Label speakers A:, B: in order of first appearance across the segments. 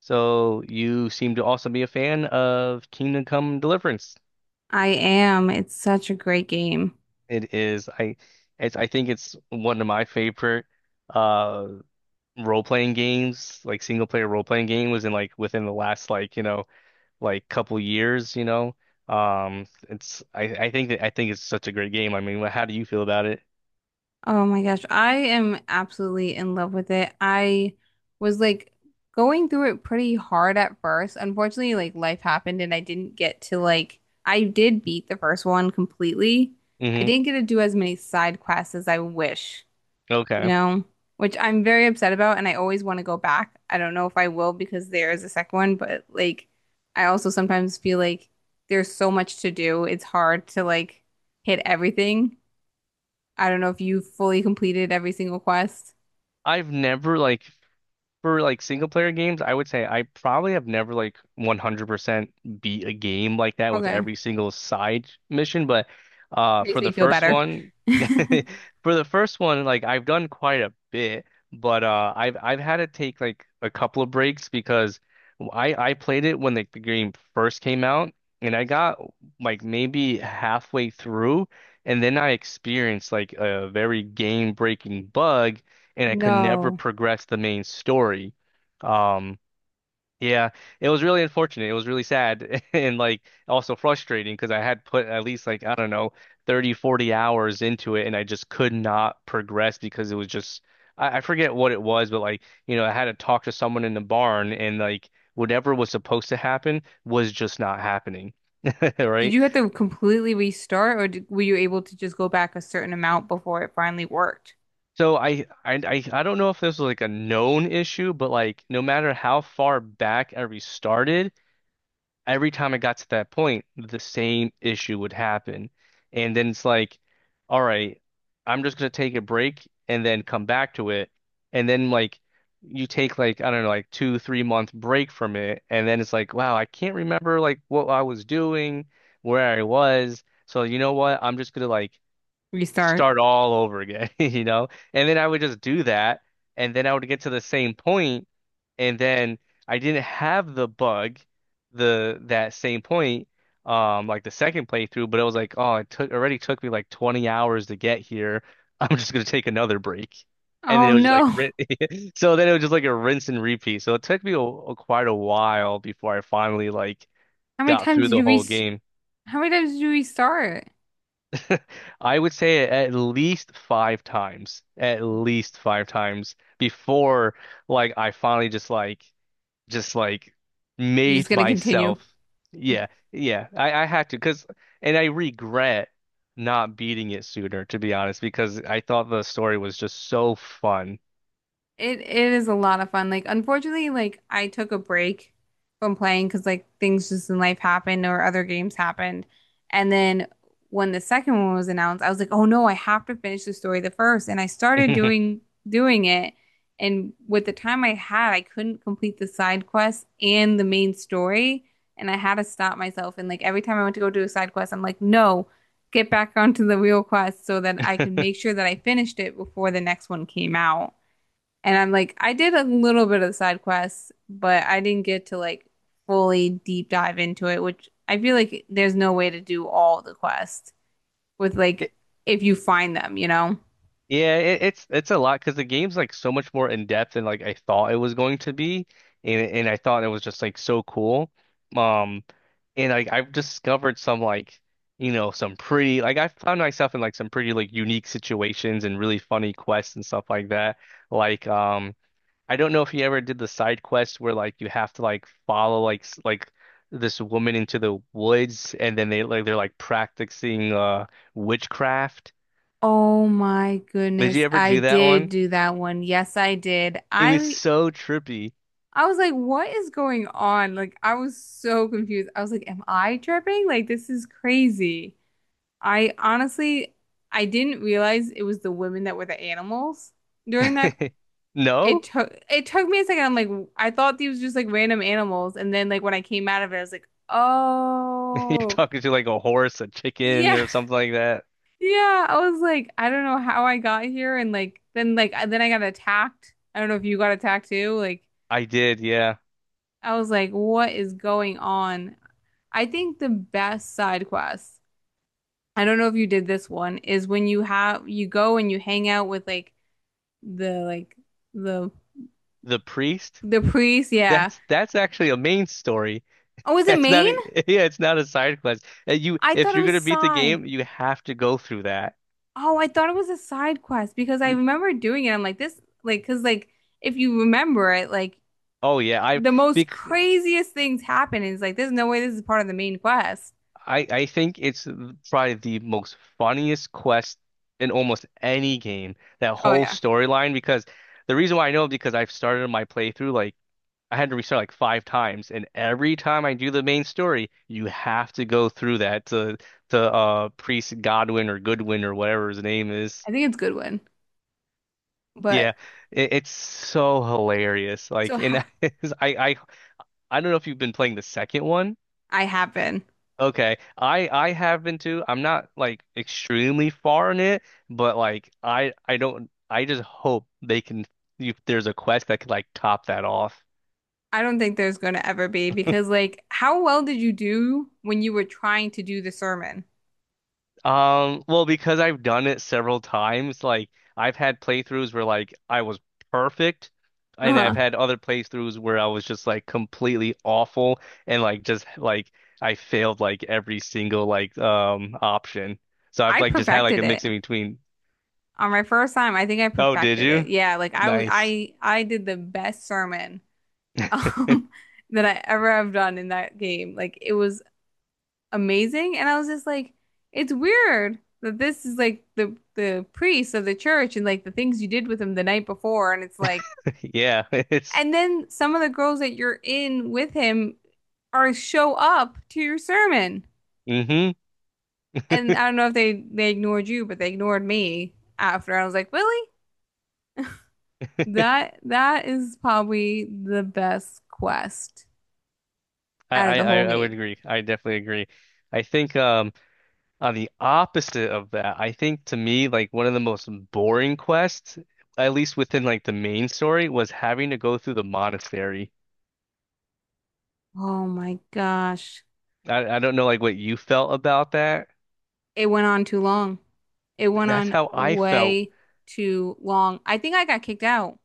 A: So you seem to also be a fan of Kingdom Come Deliverance.
B: I am. It's such a great game.
A: It is. I it's I think it's one of my favorite uh role-playing games, like single-player role-playing game was in like within the last like couple years. It's I think that I think it's such a great game. I mean, how do you feel about it?
B: Oh my gosh. I am absolutely in love with it. I was like going through it pretty hard at first. Unfortunately, like life happened and I didn't get to like, I did beat the first one completely. I
A: Hmm.
B: didn't get to do as many side quests as I wish. You
A: Okay.
B: know, which I'm very upset about, and I always want to go back. I don't know if I will because there is a second one, but like, I also sometimes feel like there's so much to do. It's hard to like hit everything. I don't know if you fully completed every single quest.
A: I've never like For like single player games, I would say I probably have never like 100% beat a game like that with
B: Okay.
A: every single side mission, but
B: Makes
A: for
B: me
A: the
B: feel
A: first
B: better.
A: one for the first one, like I've done quite a bit, but I've had to take like a couple of breaks because I played it when like the game first came out and I got like maybe halfway through, and then I experienced like a very game-breaking bug and I could never
B: No.
A: progress the main story. Um, yeah, it was really unfortunate. It was really sad and like also frustrating because I had put at least like, I don't know, 30, 40 hours into it and I just could not progress because it was just, I forget what it was, but like, I had to talk to someone in the barn and like whatever was supposed to happen was just not happening.
B: Did
A: Right.
B: you have to completely restart, or were you able to just go back a certain amount before it finally worked?
A: So I don't know if this was like a known issue, but like no matter how far back I restarted, every time I got to that point, the same issue would happen. And then it's like, all right, I'm just gonna take a break and then come back to it. And then like you take like, I don't know, like 2, 3 month break from it, and then it's like, wow, I can't remember like what I was doing, where I was. So you know what? I'm just gonna like
B: Restart.
A: start all over again, you know? And then I would just do that, and then I would get to the same point, and then I didn't have the bug, the that same point, like the second playthrough, but it was like, oh, it took me like 20 hours to get here. I'm just gonna take another break. And then
B: Oh
A: it was just like,
B: no. How
A: so then it was just like a rinse and repeat. So it took me quite a while before I finally like
B: many
A: got
B: times
A: through
B: did
A: the
B: you re-?
A: whole game.
B: How many times did you restart?
A: I would say at least five times, at least five times before like I finally just like
B: You're just
A: made
B: gonna continue.
A: myself. Yeah, yeah. I had to because and I regret not beating it sooner, to be honest, because I thought the story was just so fun.
B: It is a lot of fun. Like unfortunately, like I took a break from playing because like things just in life happened or other games happened. And then when the second one was announced, I was like, oh no, I have to finish the story the first. And I started doing it. And with the time I had, I couldn't complete the side quest and the main story. And I had to stop myself. And like every time I went to go do a side quest, I'm like, no, get back onto the real quest so that I can make sure that I finished it before the next one came out. And I'm like, I did a little bit of side quests, but I didn't get to like fully deep dive into it, which I feel like there's no way to do all the quests with like
A: It,
B: if you find them, you know?
A: yeah, it's a lot because the game's like so much more in depth than like I thought it was going to be, and I thought it was just like so cool. Um. And like I've discovered some like, some pretty like I found myself in like some pretty like unique situations and really funny quests and stuff like that. Like I don't know if you ever did the side quest where like you have to like follow like this woman into the woods, and then they're like practicing witchcraft.
B: Oh my
A: Did you
B: goodness,
A: ever
B: I
A: do that
B: did
A: one?
B: do that one. Yes, I did.
A: It was so trippy.
B: I was like, what is going on? Like I was so confused. I was like, am I tripping? Like this is crazy. I honestly I didn't realize it was the women that were the animals during that. It
A: No?
B: took it took me a second. I'm like, I thought these was just like random animals, and then like when I came out of it, I was like,
A: You're
B: oh
A: talking to like a horse, a chicken
B: yeah,
A: or something like that.
B: yeah. I was like, I don't know how I got here, and like then I got attacked. I don't know if you got attacked too. Like
A: I did, yeah.
B: I was like, what is going on? I think the best side quest, I don't know if you did this one, is when you have you go and you hang out with like the like the
A: The priest?
B: the priest. Yeah.
A: That's actually a main story.
B: Oh, is it
A: That's not a,
B: Maine?
A: yeah, it's not a side quest. You
B: I thought
A: if
B: it
A: you're
B: was
A: gonna beat the
B: side.
A: game, you have to go through that.
B: Oh, I thought it was a side quest because I
A: N-
B: remember doing it. I'm like, this, like, because, like, if you remember it, like,
A: Oh yeah, I
B: the most
A: bec
B: craziest things happen. And it's like, there's no way this is part of the main quest.
A: I think it's probably the most funniest quest in almost any game. That
B: Oh,
A: whole
B: yeah.
A: storyline, because the reason why I know, because I've started my playthrough like I had to restart like five times, and every time I do the main story, you have to go through that to Priest Godwin or Goodwin or whatever his name is.
B: I think it's Goodwin.
A: Yeah,
B: But
A: it's so hilarious.
B: so
A: Like, and
B: ha
A: I, I, I don't know if you've been playing the second one.
B: I have been.
A: Okay, I have been too. I'm not like extremely far in it, but like, I don't. I just hope they can, if there's a quest that could like top that off.
B: I don't think there's going to ever be because, like, how well did you do when you were trying to do the sermon?
A: Well, because I've done it several times, like I've had playthroughs where like I was perfect, and I've
B: Uh-huh.
A: had other playthroughs where I was just like completely awful and like just like I failed like every single like option. So I've
B: I
A: like just had like a
B: perfected it.
A: mix in between.
B: On my first time, I think I
A: Oh, did
B: perfected it.
A: you?
B: Yeah, like I was
A: Nice.
B: I I did the best sermon um, that I ever have done in that game. Like it was amazing, and I was just like, it's weird that this is like the priest of the church and like the things you did with him the night before, and it's like,
A: Yeah, it's
B: and then some of the girls that you're in with him are show up to your sermon,
A: mm-hmm.
B: and I don't know if they ignored you, but they ignored me after. I was like, really? That is probably the best quest
A: I,
B: out of
A: I
B: the
A: I
B: whole
A: I would
B: game.
A: agree. I definitely agree. I think on the opposite of that, I think to me, like one of the most boring quests, at least within like the main story, was having to go through the monastery.
B: Oh my gosh.
A: I don't know like what you felt about that.
B: It went on too long. It went
A: That's
B: on
A: how I felt.
B: way too long. I think I got kicked out.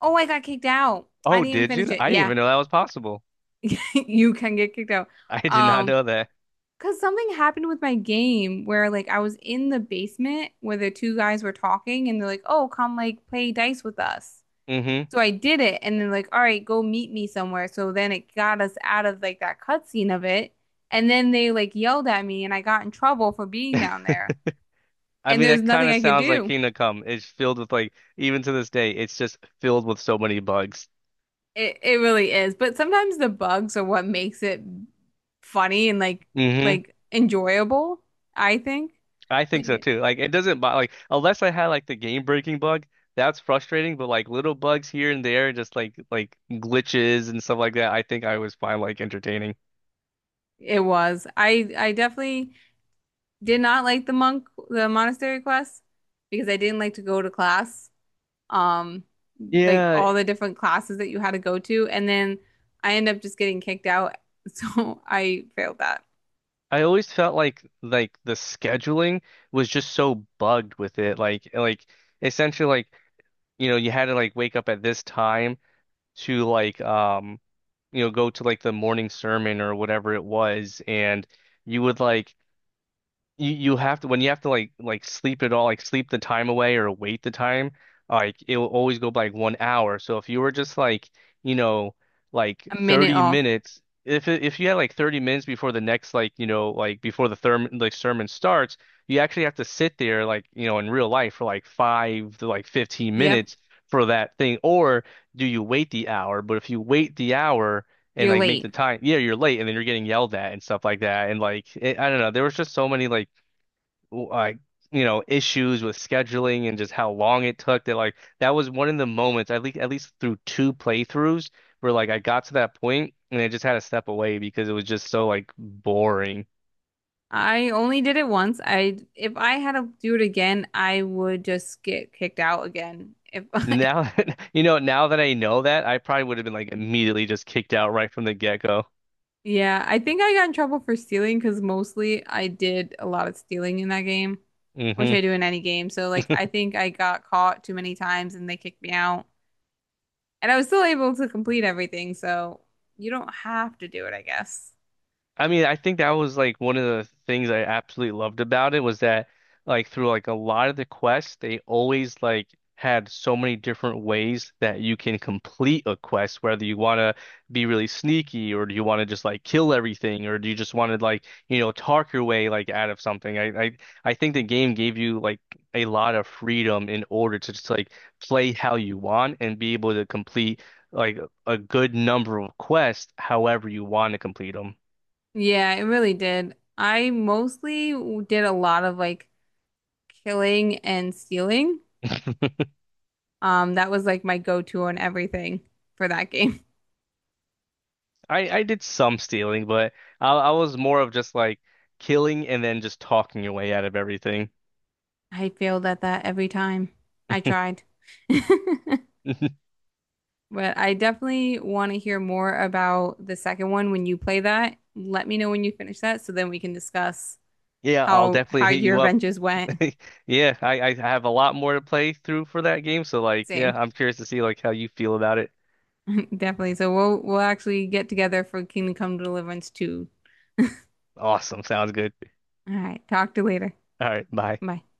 B: Oh, I got kicked out. I
A: Oh,
B: didn't even
A: did
B: finish
A: you?
B: it.
A: I didn't
B: Yeah,
A: even know that was possible.
B: you can get kicked out.
A: I did not
B: Um,
A: know that.
B: because something happened with my game where like I was in the basement where the two guys were talking and they're like, "Oh, come like play dice with us."
A: Hmm.
B: So I did it and they're like, "All right, go meet me somewhere." So then it got us out of like that cutscene of it. And then they like yelled at me and I got in trouble for being down there.
A: I
B: And
A: mean,
B: there's
A: that kind
B: nothing
A: of
B: I could
A: sounds like
B: do.
A: Kingdom Come. It's filled with like, even to this day, it's just filled with so many bugs.
B: It really is. But sometimes the bugs are what makes it funny and like
A: Hmm.
B: like enjoyable, I think.
A: I
B: But
A: think so
B: yeah,
A: too. Like it doesn't bother, like, unless I had like the game breaking bug, that's frustrating, but like little bugs here and there, just like glitches and stuff like that, I think I was fine. Like entertaining.
B: it was. I definitely did not like the monk the monastery quest because I didn't like to go to class. Um, like
A: Yeah,
B: all the different classes that you had to go to and then I end up just getting kicked out. So I failed that.
A: I always felt like the scheduling was just so bugged with it. Like essentially, like, you had to like wake up at this time to like go to like the morning sermon or whatever it was, and you would like you have to, when you have to like sleep it all, like sleep the time away or wait the time, like it'll always go by like 1 hour. So if you were just like, you know like
B: A minute
A: 30
B: off.
A: minutes, if you had like 30 minutes before the next, like, like before the therm like sermon starts, you actually have to sit there, like, in real life for like 5 to like 15
B: Yep.
A: minutes for that thing. Or do you wait the hour? But if you wait the hour and
B: You're
A: like make
B: late.
A: the time, yeah, you're late and then you're getting yelled at and stuff like that. And like it, I don't know, there was just so many like issues with scheduling and just how long it took that, like, that was one of the moments, at least through two playthroughs, where like I got to that point and I just had to step away because it was just so like boring.
B: I only did it once. I if I had to do it again, I would just get kicked out again. If I,
A: Now now that I know, that I probably would have been like immediately just kicked out right from the get-go.
B: yeah, I think I got in trouble for stealing because mostly I did a lot of stealing in that game, which
A: Hmm.
B: I do in any game. So like I think I got caught too many times and they kicked me out. And I was still able to complete everything, so you don't have to do it, I guess.
A: I mean, I think that was like one of the things I absolutely loved about it, was that like through like a lot of the quests, they always like had so many different ways that you can complete a quest, whether you want to be really sneaky or do you want to just like kill everything, or do you just want to like, talk your way like out of something. I think the game gave you like a lot of freedom in order to just like play how you want and be able to complete like a good number of quests however you want to complete them.
B: Yeah, it really did. I mostly did a lot of like killing and stealing. That was like my go-to on everything for that game.
A: I did some stealing, but I was more of just like killing and then just talking your way out of everything.
B: I failed at that every time I tried. But I definitely want to hear more about the second one when you play that. Let me know when you finish that so then we can discuss
A: Yeah, I'll
B: how
A: definitely
B: how
A: hit
B: your
A: you up.
B: adventures went.
A: Yeah, I have a lot more to play through for that game, so like yeah,
B: Same.
A: I'm curious to see like how you feel about it.
B: Definitely. So we'll actually get together for Kingdom Come Deliverance 2.
A: Awesome, sounds good.
B: All right. Talk to you later.
A: All right, bye.
B: Bye.